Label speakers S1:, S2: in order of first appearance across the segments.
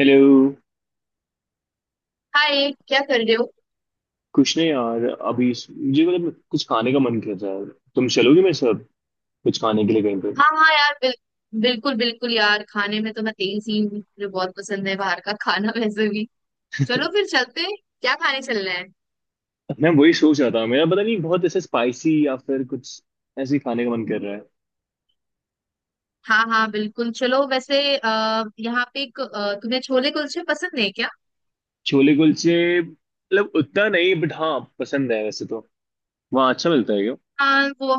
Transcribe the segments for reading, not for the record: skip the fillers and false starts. S1: Hello.
S2: Hi, क्या कर रहे हो?
S1: कुछ नहीं यार, अभी मुझे मतलब कुछ खाने का मन कर रहा है। तुम चलोगे मेरे साथ कुछ खाने के लिए कहीं पे?
S2: हाँ हाँ यार, बिल्कुल बिल्कुल यार, खाने में तो मैं तेज ही हूँ। मुझे बहुत पसंद है बाहर का खाना वैसे भी। चलो फिर चलते हैं, क्या खाने चलना है?
S1: मैं वही सोच रहा था, मेरा पता नहीं, बहुत ऐसे स्पाइसी या फिर कुछ ऐसे ही खाने का मन कर रहा है।
S2: हाँ हाँ बिल्कुल चलो। वैसे अः यहाँ पे एक तुम्हें छोले कुलचे पसंद है क्या?
S1: छोले कुलचे मतलब उतना नहीं, बट हाँ, पसंद है वैसे तो। वहाँ अच्छा मिलता है क्या?
S2: हाँ वो,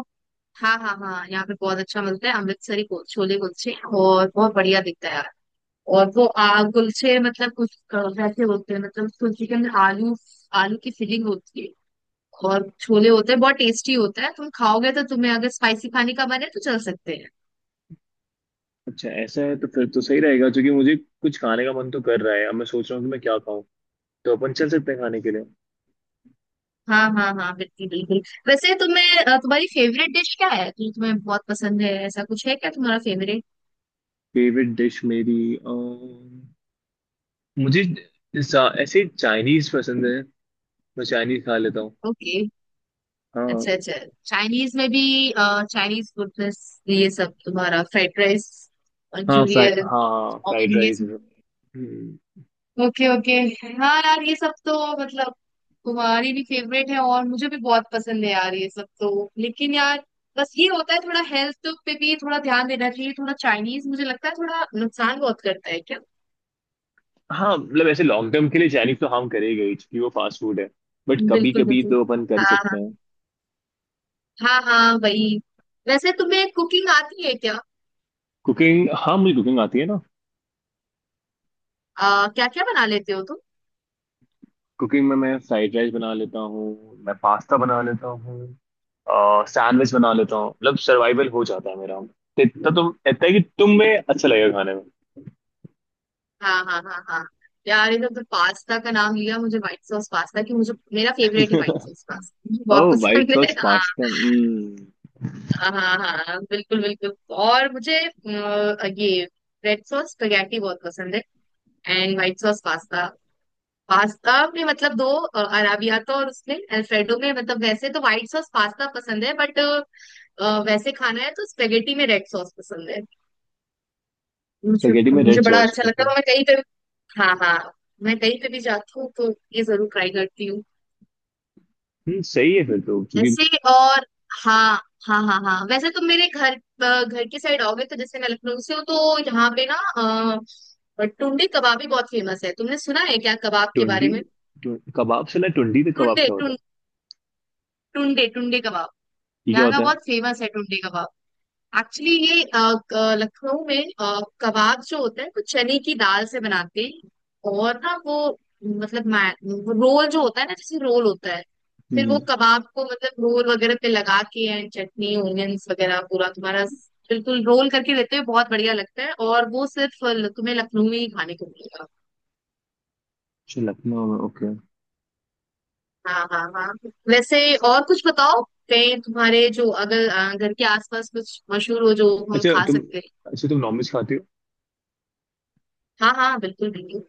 S2: हाँ हाँ हाँ, यहाँ पे बहुत अच्छा मिलता है अमृतसरी छोले कुलचे। और बहुत बढ़िया दिखता है यार। और वो आ कुलचे मतलब कुछ वैसे होते हैं, मतलब कुलचे के अंदर आलू, आलू की फिलिंग होती है और छोले होते हैं। बहुत टेस्टी होता है, तुम खाओगे तो। तुम्हें अगर स्पाइसी खाने का मन है तो चल सकते हैं।
S1: अच्छा, ऐसा है तो फिर तो सही रहेगा, क्योंकि मुझे कुछ खाने का मन तो कर रहा है। अब मैं सोच रहा हूँ कि मैं क्या खाऊं, तो अपन चल सकते हैं खाने के लिए।
S2: हाँ हाँ हाँ बिल्कुल बिल्कुल। वैसे तुम्हारी फेवरेट डिश क्या है जो तुम्हें बहुत पसंद है? ऐसा कुछ है क्या तुम्हारा फेवरेट?
S1: फेवरेट डिश मेरी मुझे ऐसे चाइनीज पसंद है। मैं चाइनीज खा लेता हूँ।
S2: ओके।
S1: हाँ।
S2: अच्छा अच्छा। चाइनीज में भी, चाइनीज फूड, ये सब तुम्हारा फ्राइड राइस,
S1: हाँ, फ्राइड,
S2: मंचूरियन
S1: हाँ
S2: और
S1: फ्राइड
S2: ये
S1: राइस।
S2: सब?
S1: हम्म।
S2: Okay okay. हाँ यार, ये सब तो मतलब तुम्हारी भी फेवरेट है और मुझे भी बहुत पसंद है यार ये सब तो। लेकिन यार बस ये होता है, थोड़ा हेल्थ पे भी थोड़ा ध्यान देना चाहिए। थोड़ा चाइनीज मुझे लगता है थोड़ा नुकसान बहुत करता है क्या?
S1: हाँ मतलब ऐसे लॉन्ग टर्म के लिए चाइनीज तो हम करेंगे ही, क्योंकि वो फास्ट फूड है, बट कभी
S2: बिल्कुल
S1: कभी
S2: बिल्कुल।
S1: तो अपन कर ही
S2: हाँ
S1: सकते
S2: हाँ।
S1: हैं।
S2: हाँ हाँ वही। वैसे तुम्हें कुकिंग आती है क्या?
S1: कुकिंग? हाँ, मुझे कुकिंग आती है ना।
S2: क्या क्या बना लेते हो तुम?
S1: कुकिंग में मैं फ्राइड राइस बना लेता हूँ, मैं पास्ता बना लेता हूँ, सैंडविच बना लेता हूँ, मतलब सर्वाइवल हो जाता है मेरा तो। इतना तुम, इतना है कि तुम में अच्छा लगेगा खाने में।
S2: हाँ हाँ हाँ हाँ। यार ये तो पास्ता का नाम लिया, मुझे व्हाइट सॉस पास्ता, कि मुझे मेरा फेवरेट है व्हाइट सॉस पास्ता, मुझे बहुत
S1: ओह, व्हाइट
S2: पसंद है।
S1: सॉस
S2: हाँ
S1: पास्ता।
S2: हाँ हाँ हाँ बिल्कुल बिल्कुल। और ये रेड सॉस स्पेगेटी बहुत पसंद है। And white sauce pasta, pasta में मतलब दो, अराबियाता और उसमें अल्फ्रेडो में, मतलब वैसे तो व्हाइट सॉस पास्ता पसंद है बट वैसे खाना है तो स्पेगेटी में रेड सॉस पसंद है। मुझे
S1: स्पेगेटी में रेड
S2: मुझे बड़ा
S1: सॉस,
S2: अच्छा लगता
S1: ओके।
S2: है। और मैं कहीं पे, हाँ हाँ, मैं कहीं पे भी जाती हूँ तो ये जरूर ट्राई करती हूँ
S1: हम्म, सही है फिर तो, क्योंकि।
S2: ऐसे। और हाँ हाँ हाँ हाँ, वैसे तुम मेरे घर की साइड आओगे तो, जैसे मैं लखनऊ से हूँ तो यहाँ पे ना, टुंडे कबाब भी बहुत फेमस है। तुमने सुना है क्या कबाब के
S1: टुंडी,
S2: बारे में?
S1: कबाब से ना टुंडी, तो कबाब
S2: टुंडे
S1: क्या होता
S2: टुं,
S1: है?
S2: टुंडे टुंडे कबाब,
S1: ये क्या
S2: यहाँ का
S1: होता है?
S2: बहुत फेमस है टुंडे कबाब। एक्चुअली ये लखनऊ में कबाब जो होता है वो चने की दाल से बनाते हैं। और ना वो, मतलब मै- वो रोल जो होता है ना, जैसे रोल होता है, फिर वो
S1: हम्म।
S2: कबाब को मतलब रोल वगैरह पे लगा के एंड चटनी ओनियंस वगैरह पूरा तुम्हारा बिल्कुल रोल करके देते हैं। बहुत बढ़िया लगता है। और वो सिर्फ तुम्हें लखनऊ में ही खाने को मिलेगा।
S1: अच्छा, लखनऊ में, ओके।
S2: हाँ हाँ हाँ। वैसे और कुछ बताओ, कहीं तुम्हारे जो अगर घर के आसपास कुछ मशहूर हो जो हम
S1: अच्छा
S2: खा
S1: तुम,
S2: सकते हैं?
S1: अच्छा तुम नॉनवेज खाते हो?
S2: हाँ हाँ बिल्कुल बिल्कुल।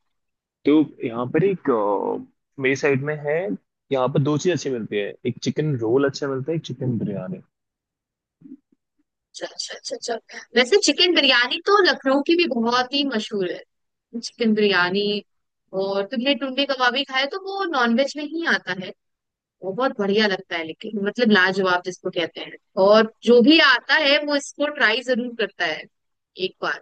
S1: तो यहाँ पर एक मेरी साइड में है, यहाँ पर दो चीज़ अच्छी मिलती है, एक चिकन रोल अच्छा मिलता है, एक चिकन बिरयानी।
S2: अच्छा अच्छा अच्छा अच्छा, वैसे चिकन बिरयानी तो लखनऊ की भी बहुत ही मशहूर है, चिकन बिरयानी। और तुमने टुंडे कबाबी खाए तो वो नॉनवेज में ही आता है। वो बहुत बढ़िया लगता है, लेकिन मतलब लाजवाब जिसको कहते हैं। और जो भी आता है वो इसको ट्राई जरूर करता है, एक बार।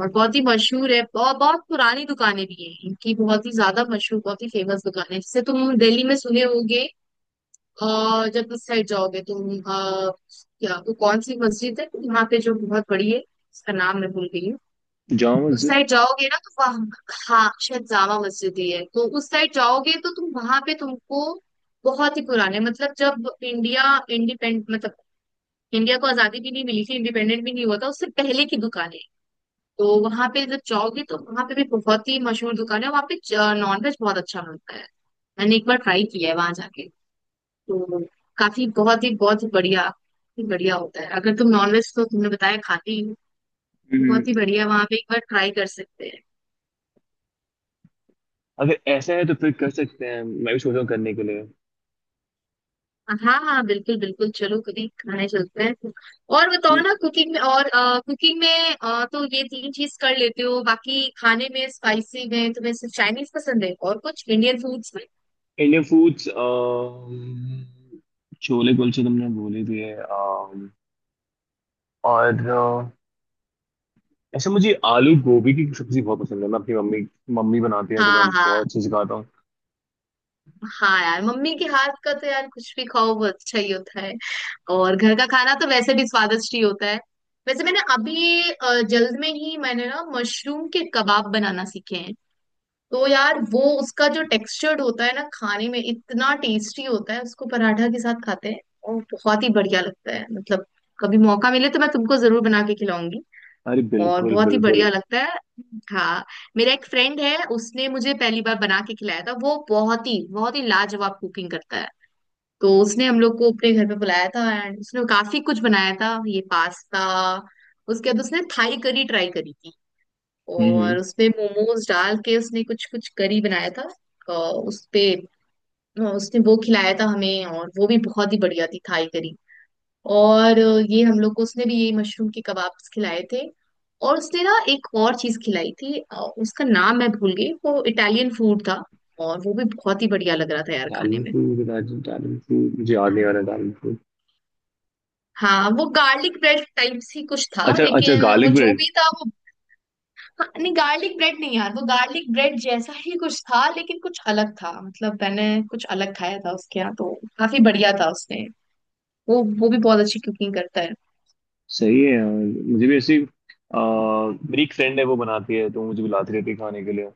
S2: और बहुत ही मशहूर है, बहुत बहुत पुरानी दुकानें भी हैं इनकी, बहुत ही ज्यादा मशहूर, बहुत ही फेमस दुकान है, जैसे तुम दिल्ली में सुने होगे। और जब उस साइड जाओगे क्या वो कौन सी मस्जिद है यहाँ पे जो बहुत बड़ी है, उसका नाम मैं भूल गई हूँ।
S1: जामा
S2: उस
S1: मस्जिद।
S2: साइड जाओगे ना तो वहाँ, हाँ, शायद जामा मस्जिद ही है। तो उस साइड जाओगे तो तुम वहां पे, तुमको बहुत ही पुराने, मतलब जब इंडिया इंडिपेंड मतलब इंडिया को आजादी भी नहीं मिली थी, इंडिपेंडेंट भी नहीं हुआ था, उससे पहले की दुकानें। तो वहां पे जब जाओगे तो वहां पे भी बहुत ही मशहूर दुकान है, वहां पे नॉनवेज बहुत अच्छा मिलता है। मैंने एक बार ट्राई किया है वहां जाके, तो काफी बहुत ही बढ़िया, ही बढ़िया होता है। अगर तुम नॉनवेज, तो तुमने बताया खाती हो,
S1: हम्म।
S2: बहुत ही बढ़िया वहां पे, एक बार ट्राई कर सकते हैं।
S1: अगर ऐसा है तो फिर कर सकते हैं। मैं भी सोच रहा हूँ करने के लिए।
S2: हाँ हाँ बिल्कुल बिल्कुल, चलो कभी खाने चलते हैं। और बताओ ना कुकिंग में, और कुकिंग में तो ये तीन चीज कर लेते हो, बाकी खाने में स्पाइसी में तुम्हें सिर्फ चाइनीज पसंद है, और कुछ इंडियन फूड्स में?
S1: इंडियन फूड्स, छोले कुलचे तुमने बोले दिए। और ऐसे मुझे आलू गोभी की सब्जी बहुत पसंद है। मैं अपनी मम्मी, मम्मी बनाती है तो
S2: हाँ
S1: मैं बहुत
S2: हाँ
S1: अच्छे से खाता हूँ।
S2: हाँ। यार मम्मी के हाथ का तो यार कुछ भी खाओ वो अच्छा ही होता है। और घर का खाना तो वैसे भी स्वादिष्ट ही होता है। वैसे मैंने अभी जल्द में ही मैंने ना मशरूम के कबाब बनाना सीखे हैं। तो यार वो उसका जो टेक्सचर्ड होता है ना खाने में, इतना टेस्टी होता है। उसको पराठा के साथ खाते हैं और बहुत ही बढ़िया लगता है मतलब। कभी मौका मिले तो मैं तुमको जरूर बना के खिलाऊंगी।
S1: अरे
S2: और
S1: बिल्कुल
S2: बहुत ही
S1: बिल्कुल।
S2: बढ़िया लगता है। हाँ, मेरा एक फ्रेंड है, उसने मुझे पहली बार बना के खिलाया था। वो बहुत ही लाजवाब कुकिंग करता है। तो उसने हम लोग को अपने घर पे बुलाया था एंड उसने काफी कुछ बनाया था, ये पास्ता। उसके बाद उसने थाई करी ट्राई करी थी,
S1: हम्म।
S2: और उसपे मोमोज डाल के उसने कुछ कुछ करी बनाया था। अ, उस पे उसने वो खिलाया था हमें, और वो भी बहुत ही बढ़िया थी थाई करी। और ये हम लोग को उसने भी यही मशरूम के कबाब्स खिलाए थे। और उसने ना एक और चीज खिलाई थी, उसका नाम मैं भूल गई, वो इटालियन फूड था। और वो भी बहुत ही बढ़िया लग रहा था यार
S1: दाल
S2: खाने में।
S1: फूड, दाल फूड मुझे याद नहीं आ रहा, दाल फूड।
S2: हाँ, वो गार्लिक ब्रेड टाइप ही कुछ था,
S1: अच्छा अच्छा,
S2: लेकिन वो
S1: गार्लिक
S2: जो
S1: ब्रेड।
S2: भी था वो, हाँ, नहीं गार्लिक ब्रेड नहीं यार, वो गार्लिक ब्रेड जैसा ही कुछ था लेकिन कुछ अलग था। मतलब मैंने कुछ अलग खाया था उसके यहाँ तो, काफी बढ़िया था उसने। वो भी बहुत अच्छी कुकिंग करता है।
S1: सही है यार। मुझे भी ऐसी, आ, मेरी एक फ्रेंड है, वो बनाती है तो मुझे भी लाती रहती है खाने के लिए।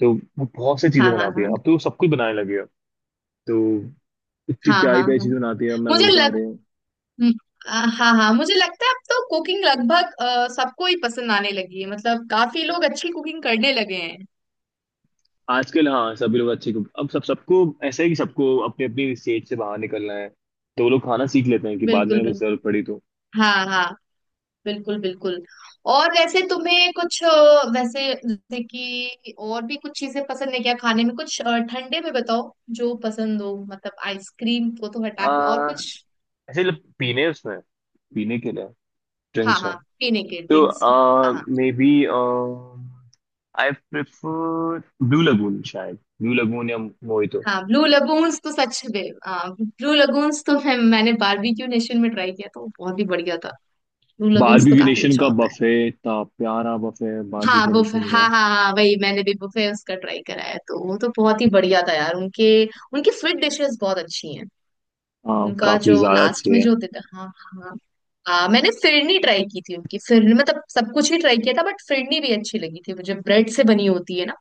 S1: तो वो बहुत सी चीज़ें
S2: हाँ हाँ
S1: बनाती
S2: हाँ
S1: है, अब तो वो सब कुछ बनाने लगी है। तो इतनी
S2: हाँ हाँ
S1: प्यारी प्यारी
S2: हाँ।
S1: चीज़ें बनाती है, अब मैं
S2: मुझे
S1: बोलता हूँ
S2: लग
S1: अरे।
S2: हम्म, हाँ हाँ मुझे लगता है अब तो कुकिंग लगभग सबको ही पसंद आने लगी है। मतलब काफी लोग अच्छी कुकिंग करने लगे हैं।
S1: आजकल हाँ, सभी लोग अच्छे को, अब सब सबको ऐसा है कि सबको अपनी अपनी स्टेज से बाहर निकलना है, तो वो लोग खाना सीख लेते हैं कि बाद में
S2: बिल्कुल
S1: अगर
S2: बिल्कुल।
S1: जरूरत पड़ी तो।
S2: हाँ हाँ बिल्कुल बिल्कुल। और वैसे वैसे जैसे कि और भी कुछ चीजें पसंद है क्या खाने में, ठंडे में बताओ, जो पसंद हो, मतलब आइसक्रीम को तो हटा के और
S1: आ,
S2: कुछ।
S1: ऐसे लोग पीने, उसमें पीने के लिए,
S2: हाँ
S1: ड्रिंक्स में
S2: हाँ पीने के
S1: तो
S2: ड्रिंक्स। हाँ हाँ
S1: maybe, I prefer blue lagoon, शायद ब्लू लगून या मोहितो।
S2: हाँ। ब्लू लगून्स तो सच में, ब्लू लगून्स तो मैंने बारबेक्यू नेशन में ट्राई किया तो बहुत ही बढ़िया था। ब्लू लगून्स तो
S1: बारबेक्यू
S2: काफी
S1: नेशन
S2: अच्छा
S1: का
S2: होता है।
S1: बफे इतना प्यारा बफे है
S2: हाँ
S1: बारबेक्यू
S2: बुफे,
S1: नेशन का।
S2: हाँ हाँ हाँ, वही मैंने भी बुफे उसका ट्राई करा है, तो वो तो बहुत ही बढ़िया था यार उनके। उनकी स्वीट डिशेस बहुत अच्छी हैं।
S1: हाँ,
S2: उनका
S1: काफी
S2: जो
S1: ज्यादा
S2: लास्ट
S1: अच्छे
S2: में
S1: है।
S2: जो होते थे, हाँ हाँ हाँ। मैंने फिरनी ट्राई की थी उनकी। फिरनी मतलब सब कुछ ही ट्राई किया था बट फिरनी भी अच्छी लगी थी मुझे, ब्रेड से बनी होती है ना।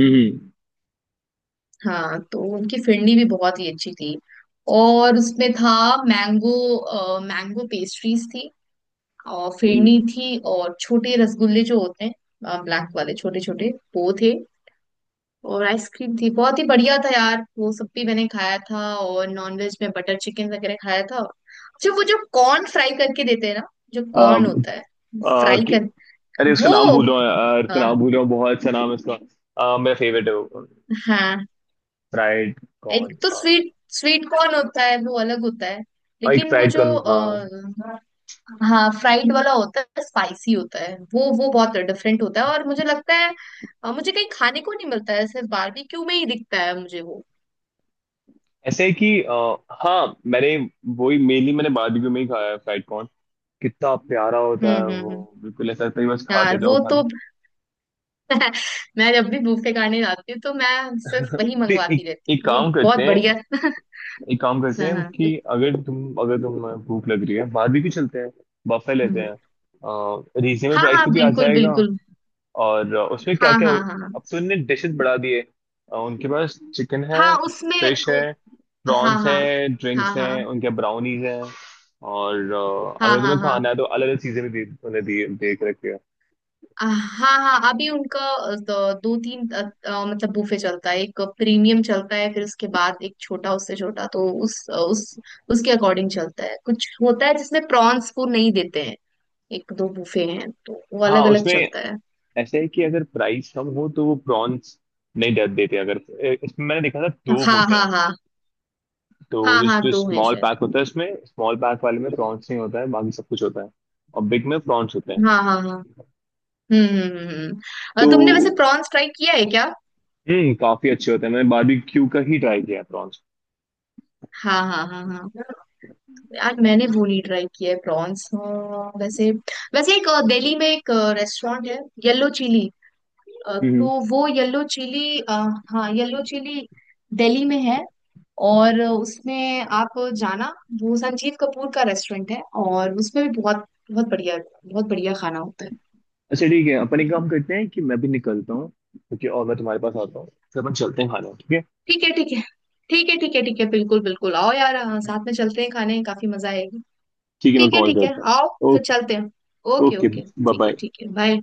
S1: हम्म
S2: हाँ, तो उनकी फिरनी भी बहुत ही अच्छी थी। और उसमें था मैंगो, मैंगो पेस्ट्रीज थी और
S1: हम्म।
S2: फिरनी थी, और छोटे रसगुल्ले जो होते हैं ब्लैक वाले, छोटे छोटे वो थे, और आइसक्रीम थी। बहुत ही बढ़िया था यार वो सब भी मैंने खाया था। और नॉनवेज में बटर चिकन वगैरह खाया था। अच्छा वो जो कॉर्न फ्राई करके देते हैं ना, जो कॉर्न होता है,
S1: अम,
S2: फ्राई कर,
S1: अरे उसका नाम
S2: वो,
S1: भूल रहा हूँ यार, उसका
S2: हाँ
S1: नाम भूल रहा हूँ, बहुत सा नाम है उसका। मेरा फेवरेट है वो।
S2: हाँ,
S1: फ्राइड
S2: एक
S1: कॉर्न,
S2: तो
S1: हाँ।
S2: स्वीट, स्वीट कॉर्न होता है वो अलग होता है,
S1: एक
S2: लेकिन वो
S1: फ्राइड
S2: जो,
S1: कॉर्न, हाँ।
S2: हाँ फ्राइड वाला होता है, स्पाइसी होता है वो बहुत डिफरेंट होता है। और मुझे लगता है मुझे कहीं खाने को नहीं मिलता है, सिर्फ बारबेक्यू में ही दिखता है मुझे वो।
S1: ऐसे है कि हाँ, मैंने वही मेनली मैंने बारबेक्यू में ही खाया है, फ्राइड कॉर्न। कितना प्यारा होता है वो!
S2: हम्म।
S1: बिल्कुल ऐसा लगता है कि बस खाते
S2: यार
S1: जाओ
S2: वो
S1: खाना।
S2: तो मैं जब भी बुफे खाने जाती हूँ तो मैं सिर्फ वही
S1: तो
S2: मंगवाती रहती
S1: एक
S2: हूँ, वो
S1: काम करते
S2: बहुत
S1: हैं,
S2: बढ़िया।
S1: एक काम करते
S2: हाँ
S1: हैं कि
S2: हाँ।
S1: अगर तुम, अगर तुम। भूख लग रही है, बारबेक्यू चलते हैं, बफे लेते
S2: हम्म।
S1: हैं। रीजनेबल
S2: हाँ
S1: प्राइस
S2: हाँ
S1: पे भी आ
S2: बिल्कुल
S1: जाएगा।
S2: बिल्कुल।
S1: और उसमें क्या
S2: हाँ
S1: क्या,
S2: हाँ हाँ हाँ।
S1: अब तो इनने डिशेस बढ़ा दिए। उनके पास चिकन है,
S2: हाँ, उसमें,
S1: फिश
S2: ओ,
S1: है,
S2: हाँ
S1: प्रॉन्स
S2: हाँ।
S1: है, ड्रिंक्स
S2: हाँ
S1: हैं,
S2: हाँ।
S1: उनके ब्राउनीज हैं। और
S2: हाँ
S1: अगर
S2: हाँ
S1: तुम्हें
S2: हाँ
S1: खाना
S2: हाँ।
S1: है तो अलग अलग चीजें भी दे, उन्हें देख रखी है।
S2: हाँ हाँ अभी दो तीन अ, अ, मतलब बूफे चलता है, एक प्रीमियम चलता है, फिर उसके बाद एक छोटा, उससे छोटा, तो उस अ, उस उसके अकॉर्डिंग चलता है। कुछ होता है जिसमें प्रॉन्स को नहीं देते हैं, एक दो बूफे हैं, तो वो
S1: हाँ,
S2: अलग अलग
S1: उसमें
S2: चलता है।
S1: ऐसे है कि अगर प्राइस कम हो तो वो प्रॉन्स नहीं दे देते। अगर इसमें मैंने देखा था दो
S2: हाँ
S1: होते
S2: हाँ
S1: हैं,
S2: हाँ
S1: तो
S2: हाँ।
S1: जो
S2: हाँ
S1: जो
S2: दो हैं
S1: स्मॉल
S2: शायद।
S1: पैक होता है उसमें, स्मॉल पैक वाले में प्रॉन्स नहीं होता है, बाकी सब कुछ होता है। और बिग में प्रॉन्स होते हैं।
S2: हाँ हाँ हाँ।
S1: तो
S2: तुमने वैसे प्रॉन्स ट्राई किया है क्या?
S1: हम्म, काफी अच्छे होते हैं। मैंने बारबेक्यू का ही ट्राई किया है प्रॉन्स।
S2: हाँ हाँ हाँ हाँ। यार मैंने वो नहीं ट्राई किया है, प्रॉन्स। वैसे, वैसे एक दिल्ली में एक रेस्टोरेंट है, येलो चिली,
S1: हम्म।
S2: तो वो येलो चिली, हाँ येलो चिली, दिल्ली में है। और उसमें आप जाना, वो संजीव कपूर का रेस्टोरेंट है। और उसमें भी बहुत बहुत बढ़िया, बहुत बढ़िया खाना होता है।
S1: अच्छा ठीक है, अपन एक काम करते हैं कि मैं भी निकलता हूँ, ठीक है? और मैं तुम्हारे पास आता हूँ, फिर अपन चलते हैं खाना, ठीक है।
S2: ठीक है ठीक है। ठीक है ठीक है ठीक है बिल्कुल बिल्कुल आओ यार। हाँ, साथ में चलते हैं खाने, काफी मजा आएगी।
S1: ठीक है, मैं कॉल
S2: ठीक है
S1: करता
S2: आओ,
S1: हूँ,
S2: फिर
S1: ओके।
S2: चलते हैं। Okay
S1: okay,
S2: okay
S1: bye bye.
S2: ठीक है बाय।